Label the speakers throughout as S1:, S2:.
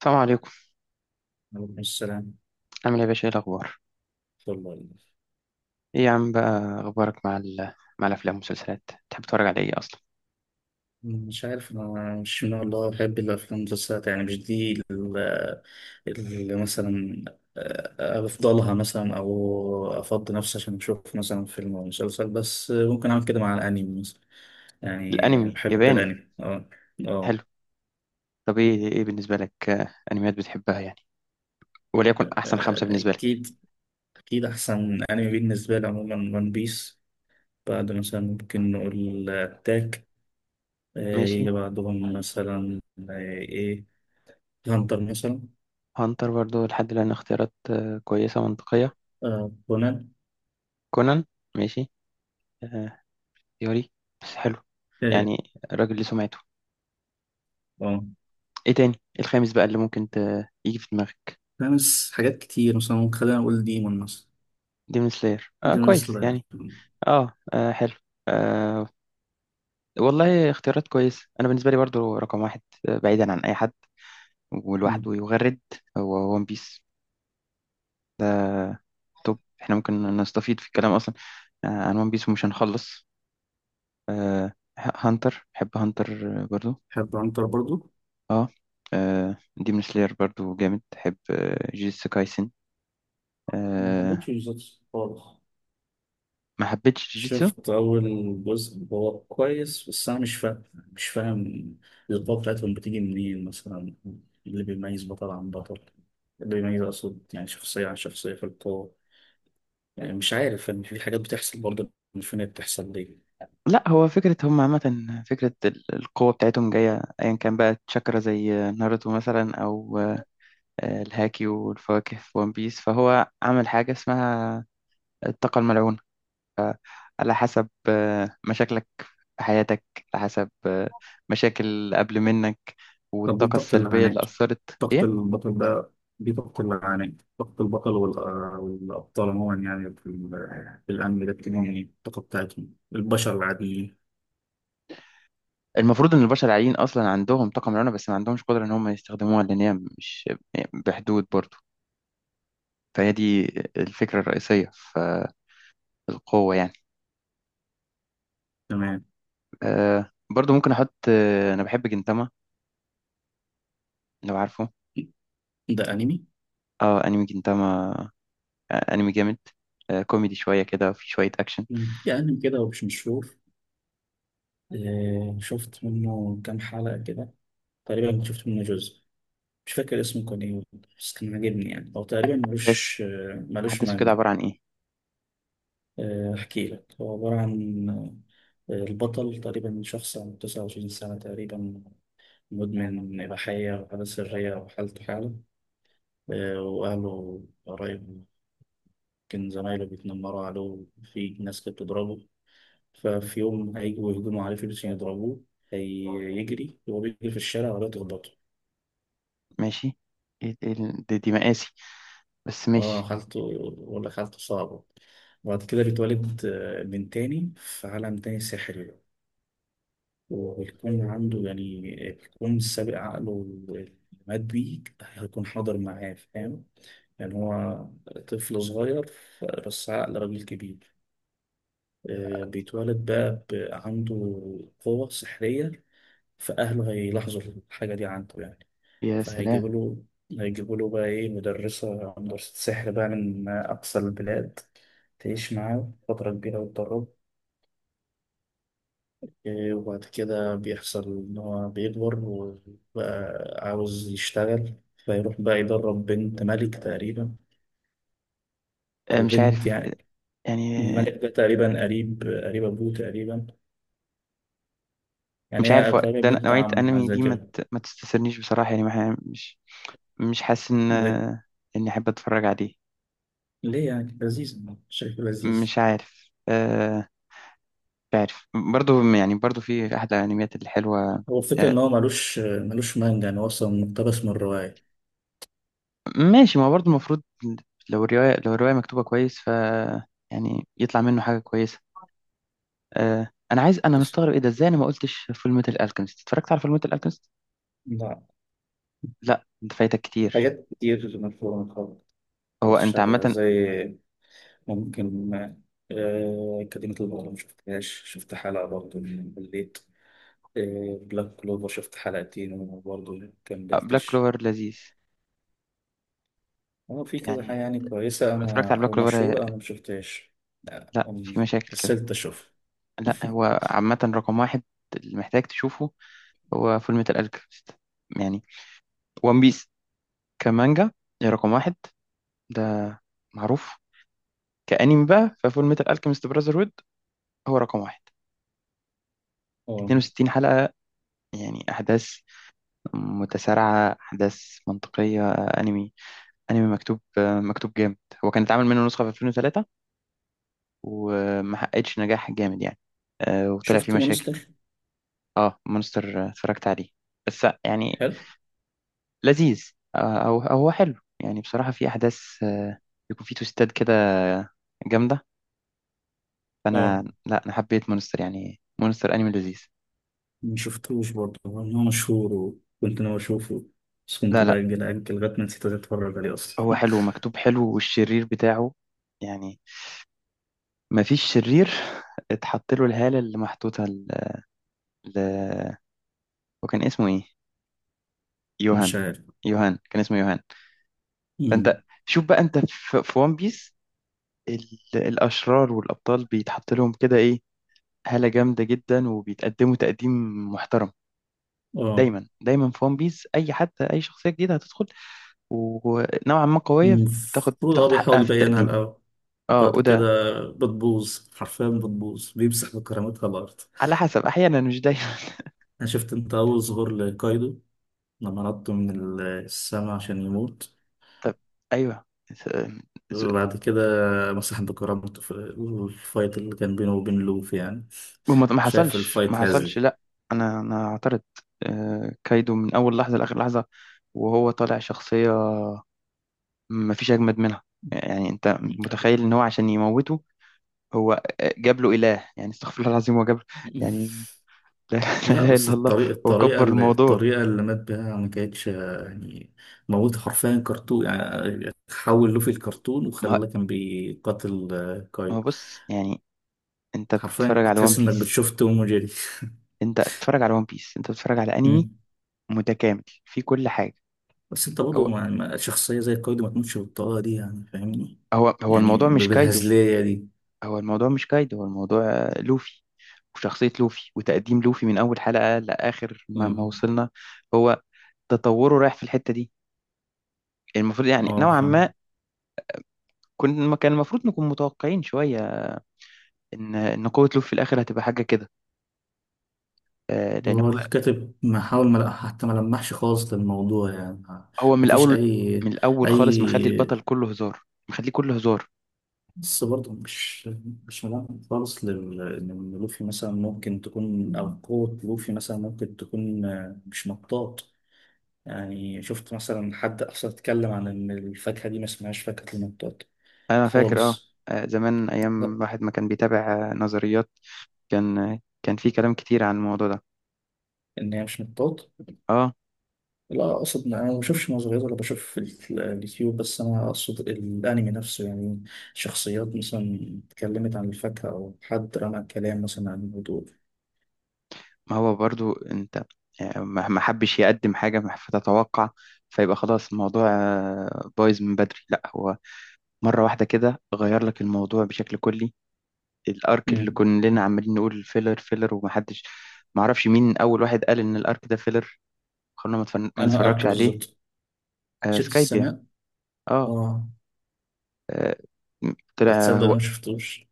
S1: السلام عليكم.
S2: عليكم السلام.
S1: عامل ايه يا باشا؟ ايه الاخبار؟
S2: والله
S1: ايه يا عم بقى اخبارك مع مع الافلام والمسلسلات؟ تحب تتفرج على ايه اصلا؟
S2: مش عارف أنا مش من الله بحب الأفلام المسلسلات، يعني مش دي اللي مثلا أفضلها، مثلا أو أفضي نفسي عشان أشوف مثلا فيلم أو مسلسل، بس ممكن أعمل كده مع الأنمي مثلا. يعني
S1: الانمي
S2: بحب
S1: ياباني.
S2: الأنمي، أه. أه.
S1: حلو. طب ايه بالنسبه لك، انميات بتحبها يعني؟ وليكن احسن خمسه بالنسبه لك.
S2: أكيد. أكيد أحسن أنمي بالنسبة لي عموما ون بيس، بعد مثلا ممكن نقول أتاك،
S1: ماشي.
S2: يجي بعدهم مثلا آه، إيه، هانتر مثلا.
S1: هانتر برضو، لحد الان اختيارات كويسه منطقيه.
S2: آه، كونان.
S1: كونان. ماشي. آه، يوري؟ بس حلو
S2: اه.
S1: يعني، الراجل ليه سمعته.
S2: آه.
S1: ايه تاني؟ إيه الخامس بقى اللي ممكن يجي في دماغك؟
S2: فاهمس حاجات كتير، مثلا ممكن خلينا نقول ديمون مثلا.
S1: ديمون سلاير، اه
S2: ديمون
S1: كويس
S2: سلاير.
S1: يعني. اه، آه حلو. آه، والله اختيارات كويسة. أنا بالنسبة لي برضو رقم واحد، بعيدا عن أي حد
S2: مم.
S1: ولوحده يغرد، هو ون بيس. ده توب. احنا ممكن نستفيد في الكلام أصلا عن ون بيس ومش هنخلص. آه، هانتر، بحب هانتر برضو.
S2: بحب عنتر برضو.
S1: اه. ديمون سلاير برضو جامد. بحب جيتسو كايسن.
S2: ما حبيتش
S1: آه،
S2: بالظبط خالص.
S1: ما حبيتش جيتسو.
S2: شفت أول جزء، هو كويس، بس أنا مش فاهم القوة بتاعتهم بتيجي منين مثلا، اللي بيميز بطل عن بطل، اللي بيميز أقصد يعني شخصية عن شخصية في القوة. يعني مش عارف، يعني في حاجات بتحصل برضه مش فاهم هي بتحصل ليه.
S1: لا هو فكرة هم، عامة فكرة القوة بتاعتهم جاية أيا كان بقى تشاكرا، زي ناروتو مثلا، أو الهاكي والفواكه في ون بيس، فهو عمل حاجة اسمها الطاقة الملعونة، على حسب مشاكلك في حياتك، على حسب مشاكل اللي قبل منك
S2: طب دي
S1: والطاقة
S2: طاقة
S1: السلبية اللي
S2: العناد،
S1: أثرت.
S2: طاقة
S1: إيه.
S2: البطل ده؟ دي طاقة العناد طاقة البطل، والأبطال عموما يعني في في الأنمي ده بتكون يعني الطاقة بتاعتهم البشر العاديين.
S1: المفروض إن البشر العاديين أصلا عندهم طاقة ملعونة، بس ما عندهمش قدرة إن هم يستخدموها، لأن هي مش يعني بحدود برضو. فهي دي الفكرة الرئيسية في القوة يعني.
S2: تمام.
S1: أه برضو ممكن أحط، أنا بحب جنتاما لو عارفه.
S2: ده أنمي؟
S1: اه أنمي جنتاما. انمي جامد، كوميدي شويه كده وفي شويه اكشن.
S2: في أنمي كده ومش مشهور، شفت منه كام حلقة كده، تقريبا كنت شفت منه جزء، مش فاكر اسمه كان إيه، بس كان عاجبني، يعني هو تقريبا ملوش،
S1: بس
S2: ملوش
S1: احداثه كده
S2: مانجا.
S1: عباره عن ايه؟
S2: أحكي لك، هو عبارة عن البطل تقريبا شخص عنده 29 سنة تقريبا، مدمن إباحية وحالة سرية، وحالته حالة وأهله قرايبه يمكن زمايله بيتنمروا عليه، في ناس كانت بتضربه. ففي يوم هيجوا يهجموا عليه فلوس عشان يضربوه، هيجري وهو بيجري في الشارع ولا تخبطه.
S1: ماشي. إيه دي مقاسي، بس
S2: اه،
S1: ماشي.
S2: حالته، بقول لك حالته صعبة. وبعد كده بيتولد من تاني في عالم تاني سحري، وبيكون عنده يعني بيكون سابق عقله اللي مات بيه هيكون حاضر معاه، فاهم يعني؟ هو طفل صغير، بس عقل راجل كبير. بيتولد بقى عنده قوة سحرية، فأهله هيلاحظوا الحاجة دي عنده يعني.
S1: يا سلام.
S2: فهيجيبوا له بقى إيه، مدرسة سحر بقى من أقصى البلاد تعيش معاه فترة كبيرة وتدرب. إيه، وبعد كده بيحصل إن هو بيكبر وبقى عاوز يشتغل، فيروح بقى يدرب بنت ملك تقريبا، أو
S1: مش
S2: بنت
S1: عارف
S2: يعني،
S1: يعني. آه،
S2: الملك ده تقريبا قريب أبوه تقريبا، يعني
S1: مش
S2: هي
S1: عارف هو
S2: تقريبا
S1: ده
S2: بنت
S1: نوعيه
S2: عمه حاجة
S1: انمي
S2: زي
S1: دي،
S2: كده.
S1: ما تستثيرنيش بصراحه يعني، ما ح- مش حاسس ان
S2: ليه؟
S1: اني احب اتفرج عليه.
S2: ليه يعني؟ لذيذ، شايف لذيذ.
S1: مش عارف مش عارف برضه. يعني برضه في احد الانميات الحلوه.
S2: هو الفكرة
S1: آه،
S2: إن هو ملوش مانجا، يعني هو أصلا مقتبس من الرواية.
S1: ماشي. ما هو برضه المفروض، لو الروايه مكتوبه كويس ف، يعني يطلع منه حاجة كويسة. آه انا
S2: بس-
S1: مستغرب ايه ده؟ ازاي انا ما قلتش فول ميتال الكيمست؟ اتفرجت على فول ميتال الكيمست؟
S2: لا،
S1: لا، انت فايتك كتير.
S2: حاجات كتير مفهومة خالص،
S1: هو
S2: مقتبسش
S1: انت
S2: عليها
S1: عامه.
S2: زي، ممكن كلمة البطل ما شفتهاش، شفت حلقة برضه مليت. بلاك كلوفر شفت حلقتين وبرضه
S1: بلاك
S2: مكملتش.
S1: كلوفر لذيذ
S2: هو في كذا حاجة
S1: يعني.
S2: يعني
S1: أنت
S2: كويسة
S1: لو اتفرجت
S2: أنا،
S1: على بلاك
S2: أو
S1: كلوفر،
S2: مشهورة أنا مشفتهاش. لا
S1: لا في
S2: أم-
S1: مشاكل كده.
S2: كسلت أشوف.
S1: لا هو عامه رقم واحد اللي محتاج تشوفه هو فول ميتال الكيمست يعني. وان بيس كمانجا هي رقم واحد، ده معروف. كأنمي بقى، ففول ميتال الكيمست براذر هود هو رقم واحد.
S2: اه،
S1: 62 حلقة يعني، أحداث متسارعة، أحداث منطقية، انمي مكتوب، مكتوب جامد. هو كان اتعمل منه نسخة في 2003 وما حققتش نجاح جامد يعني. وطلع فيه
S2: شفت
S1: مشاكل.
S2: مونستر؟
S1: اه مونستر، اتفرجت عليه. بس يعني
S2: حلو.
S1: لذيذ. أو هو حلو يعني، بصراحة في احداث، بيكون فيه توستات كده جامدة.
S2: اه،
S1: فانا لا انا حبيت مونستر يعني، مونستر انمي لذيذ.
S2: مشفتوش برضه، هو إن هو مشهور وكنت ناوي أشوفه، بس كنت
S1: لا، لا،
S2: بأجل أجل لغاية ما نسيت أتفرج عليه أصلا.
S1: هو حلو، مكتوب حلو، والشرير بتاعه يعني ما فيش شرير. اتحط له الهالة اللي محطوطة ل... وكان اسمه ايه؟
S2: مش
S1: يوهان.
S2: عارف.
S1: كان اسمه يوهان.
S2: أمم،
S1: فانت شوف بقى انت في ون بيس ال... الاشرار والابطال بيتحط لهم كده ايه، هالة جامدة جدا، وبيتقدموا تقديم محترم.
S2: اه.
S1: دايما دايما في ون بيس اي حد، اي شخصية جديدة هتدخل ونوعا ما قوية، بتاخد
S2: المفروض، اه،
S1: بتاخد حقها
S2: بيحاول
S1: في
S2: يبينها
S1: التقديم.
S2: الأول،
S1: اه
S2: بعد
S1: وده
S2: كده بتبوظ، حرفيا بتبوظ، بيمسح بكرامتها الأرض.
S1: على حسب، احيانا مش دايما.
S2: أنا شفت أنت أول ظهور لكايدو، لما نطوا من السما عشان يموت،
S1: طب. ايوه. س- س-
S2: وبعد كده مسح بكرامته في الفايت اللي كان بينه وبين لوف يعني.
S1: وما ما
S2: شايف
S1: حصلش ما
S2: الفايت
S1: حصلش
S2: هزلي.
S1: لا انا اعترض. كايدو من اول لحظه لاخر لحظه، وهو طالع شخصيه مفيش أجمد منها يعني. أنت متخيل إن هو عشان يموته، هو جاب له إله يعني؟ استغفر الله العظيم، هو جاب له يعني. لا، لا
S2: لا
S1: إله
S2: بس
S1: إلا الله.
S2: الطريقة،
S1: هو كبر الموضوع.
S2: الطريقة اللي مات بيها ما كانتش يعني موت، حرفيا كرتون يعني، حول لوفي الكرتون
S1: ما
S2: وخلاه كان بيقاتل
S1: ما
S2: كايو.
S1: بص يعني، أنت
S2: حرفيا
S1: بتتفرج
S2: كنت
S1: على ون
S2: تحس انك
S1: بيس،
S2: بتشوف توم وجيري.
S1: أنت بتتفرج على ون بيس، أنت بتتفرج على أنمي
S2: مم.
S1: متكامل في كل حاجة.
S2: بس انت برضه
S1: هو
S2: شخصية زي كايو دي ما تموتش بالطريقة دي، يعني فاهمني؟
S1: هو
S2: يعني
S1: الموضوع مش كايدو،
S2: بالهزلية دي.
S1: هو الموضوع مش كايدو، هو الموضوع لوفي، وشخصية لوفي وتقديم لوفي من أول حلقة لآخر ما
S2: مم.
S1: وصلنا. هو تطوره رايح في الحتة دي المفروض، يعني
S2: اه
S1: نوعا ما
S2: فاهم.
S1: كان المفروض نكون متوقعين شوية إن قوة لوب في الآخر هتبقى حاجة كده، لأن
S2: هو
S1: هو.
S2: الكاتب محاول ما حتى ما لمحش خالص للموضوع، يعني
S1: هو من
S2: مفيش
S1: الأول من
S2: أي،
S1: الأول خالص مخلي البطل
S2: أي
S1: كله هزار، مخليه كله هزار.
S2: بس برضه مش، مش ملامح خالص إن لوفي مثلا ممكن تكون، أو قوة لوفي مثلا ممكن تكون مش مطاط. يعني شفت مثلا حد أصلا اتكلم عن إن الفاكهة دي ما اسمهاش فاكهة المطاط
S1: أنا فاكر أه.
S2: خالص؟
S1: زمان، أيام
S2: لا،
S1: واحد ما كان بيتابع نظريات، كان في كلام كتير عن الموضوع ده.
S2: إن هي مش مطاط.
S1: أه.
S2: لا اقصد إن انا ما بشوفش نظريات ولا بشوف في اليوتيوب، بس انا اقصد الانمي نفسه يعني، شخصيات مثلا اتكلمت عن الفاكهه، او حد رمى كلام مثلا عن الموضوع.
S1: ما هو برضو أنت، ما حبش يقدم حاجة فتتوقع، فيبقى خلاص الموضوع بايظ من بدري. لا، هو مرة واحدة كده غير لك الموضوع بشكل كلي. الارك اللي
S2: امم.
S1: كلنا عمالين نقول فيلر فيلر، ومحدش، معرفش مين اول واحد قال ان الارك ده فيلر، خلونا ما
S2: انا ارك
S1: نتفرجش عليه.
S2: بالظبط شفت
S1: سكايبيا.
S2: السماء؟
S1: اه.
S2: اه.
S1: آه، طلع
S2: هتصدق انا ما
S1: هو،
S2: شفتوش؟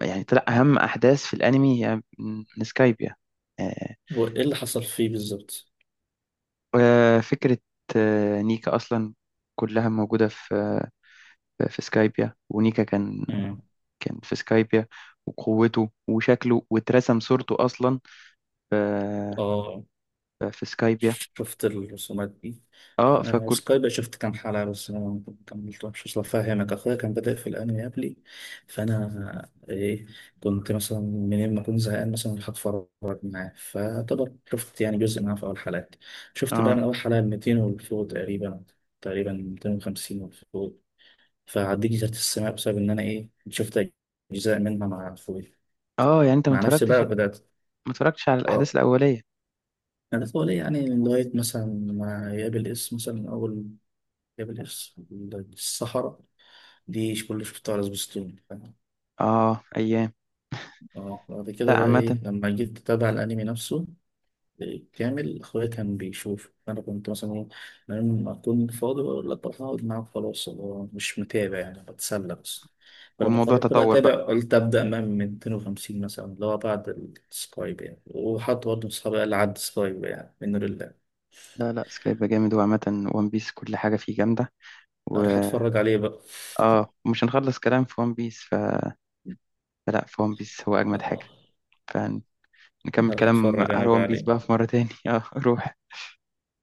S1: يعني طلع اهم احداث في الانمي هي من سكايبيا. آه.
S2: هو ايه اللي حصل فيه بالظبط؟
S1: فكره آه نيكا اصلا، كلها موجوده في في سكايبيا، ونيكا
S2: امم.
S1: كان في سكايبيا، وقوته وشكله واترسم صورته اصلا في
S2: اه.
S1: سكايبيا.
S2: شفت الرسومات دي.
S1: اه فكل.
S2: سكاي، شفت كام حلقة بس أنا ما كملتهمش، أصل أفهمك، أخويا كان بادئ في الأنمي قبلي، فأنا إيه، كنت مثلا منين ما أكون زهقان مثلا أروح أتفرج معاه، فطبعا شفت يعني جزء معاه في أول حلقات. شفت بقى
S1: اه.
S2: من أول حلقة 200 والفوق تقريبا، تقريبا 250 والفوق. فعديت جزيرة السماء بسبب إن أنا إيه، شفت أجزاء منها مع أخويا.
S1: اه يعني انت
S2: مع نفسي بقى بدأت.
S1: ما اتفرجتش على الاحداث
S2: آه،
S1: الاوليه.
S2: أنا طول يعني لغاية مثلا ما يقابل اسم مثلا أول جبل، الصحراء دي مش كل اللي شفتها على سبيستون.
S1: اه ايام.
S2: اه بعد
S1: لا
S2: كده بقى ايه،
S1: عامه،
S2: لما جيت اتابع الانمي نفسه كامل، اخويا كان بيشوف، انا كنت مثلا ايه، لما اكون فاضي بقول لك بروح اقعد معاك، خلاص هو مش متابع يعني، بتسلى بس. فلما
S1: والموضوع
S2: قررت بقى
S1: تطور بقى.
S2: اتابع، قلت ابدا من 250 مثلا، اللي هو بعد السكايب يعني. وحد برضه من اصحابي قال لي عد سكايب يعني من لله،
S1: لا، لا، سكايب جامد، وعامه وان بيس كل حاجه فيه جامده، و
S2: اروح اتفرج عليه بقى.
S1: اه مش هنخلص كلام في وان بيس فلا، في وان بيس هو اجمد حاجه،
S2: آه،
S1: فنكمل
S2: هروح
S1: كلام
S2: اتفرج انا
S1: على
S2: بقى
S1: وان بيس بقى
S2: عليه.
S1: في مره تاني. اه روح.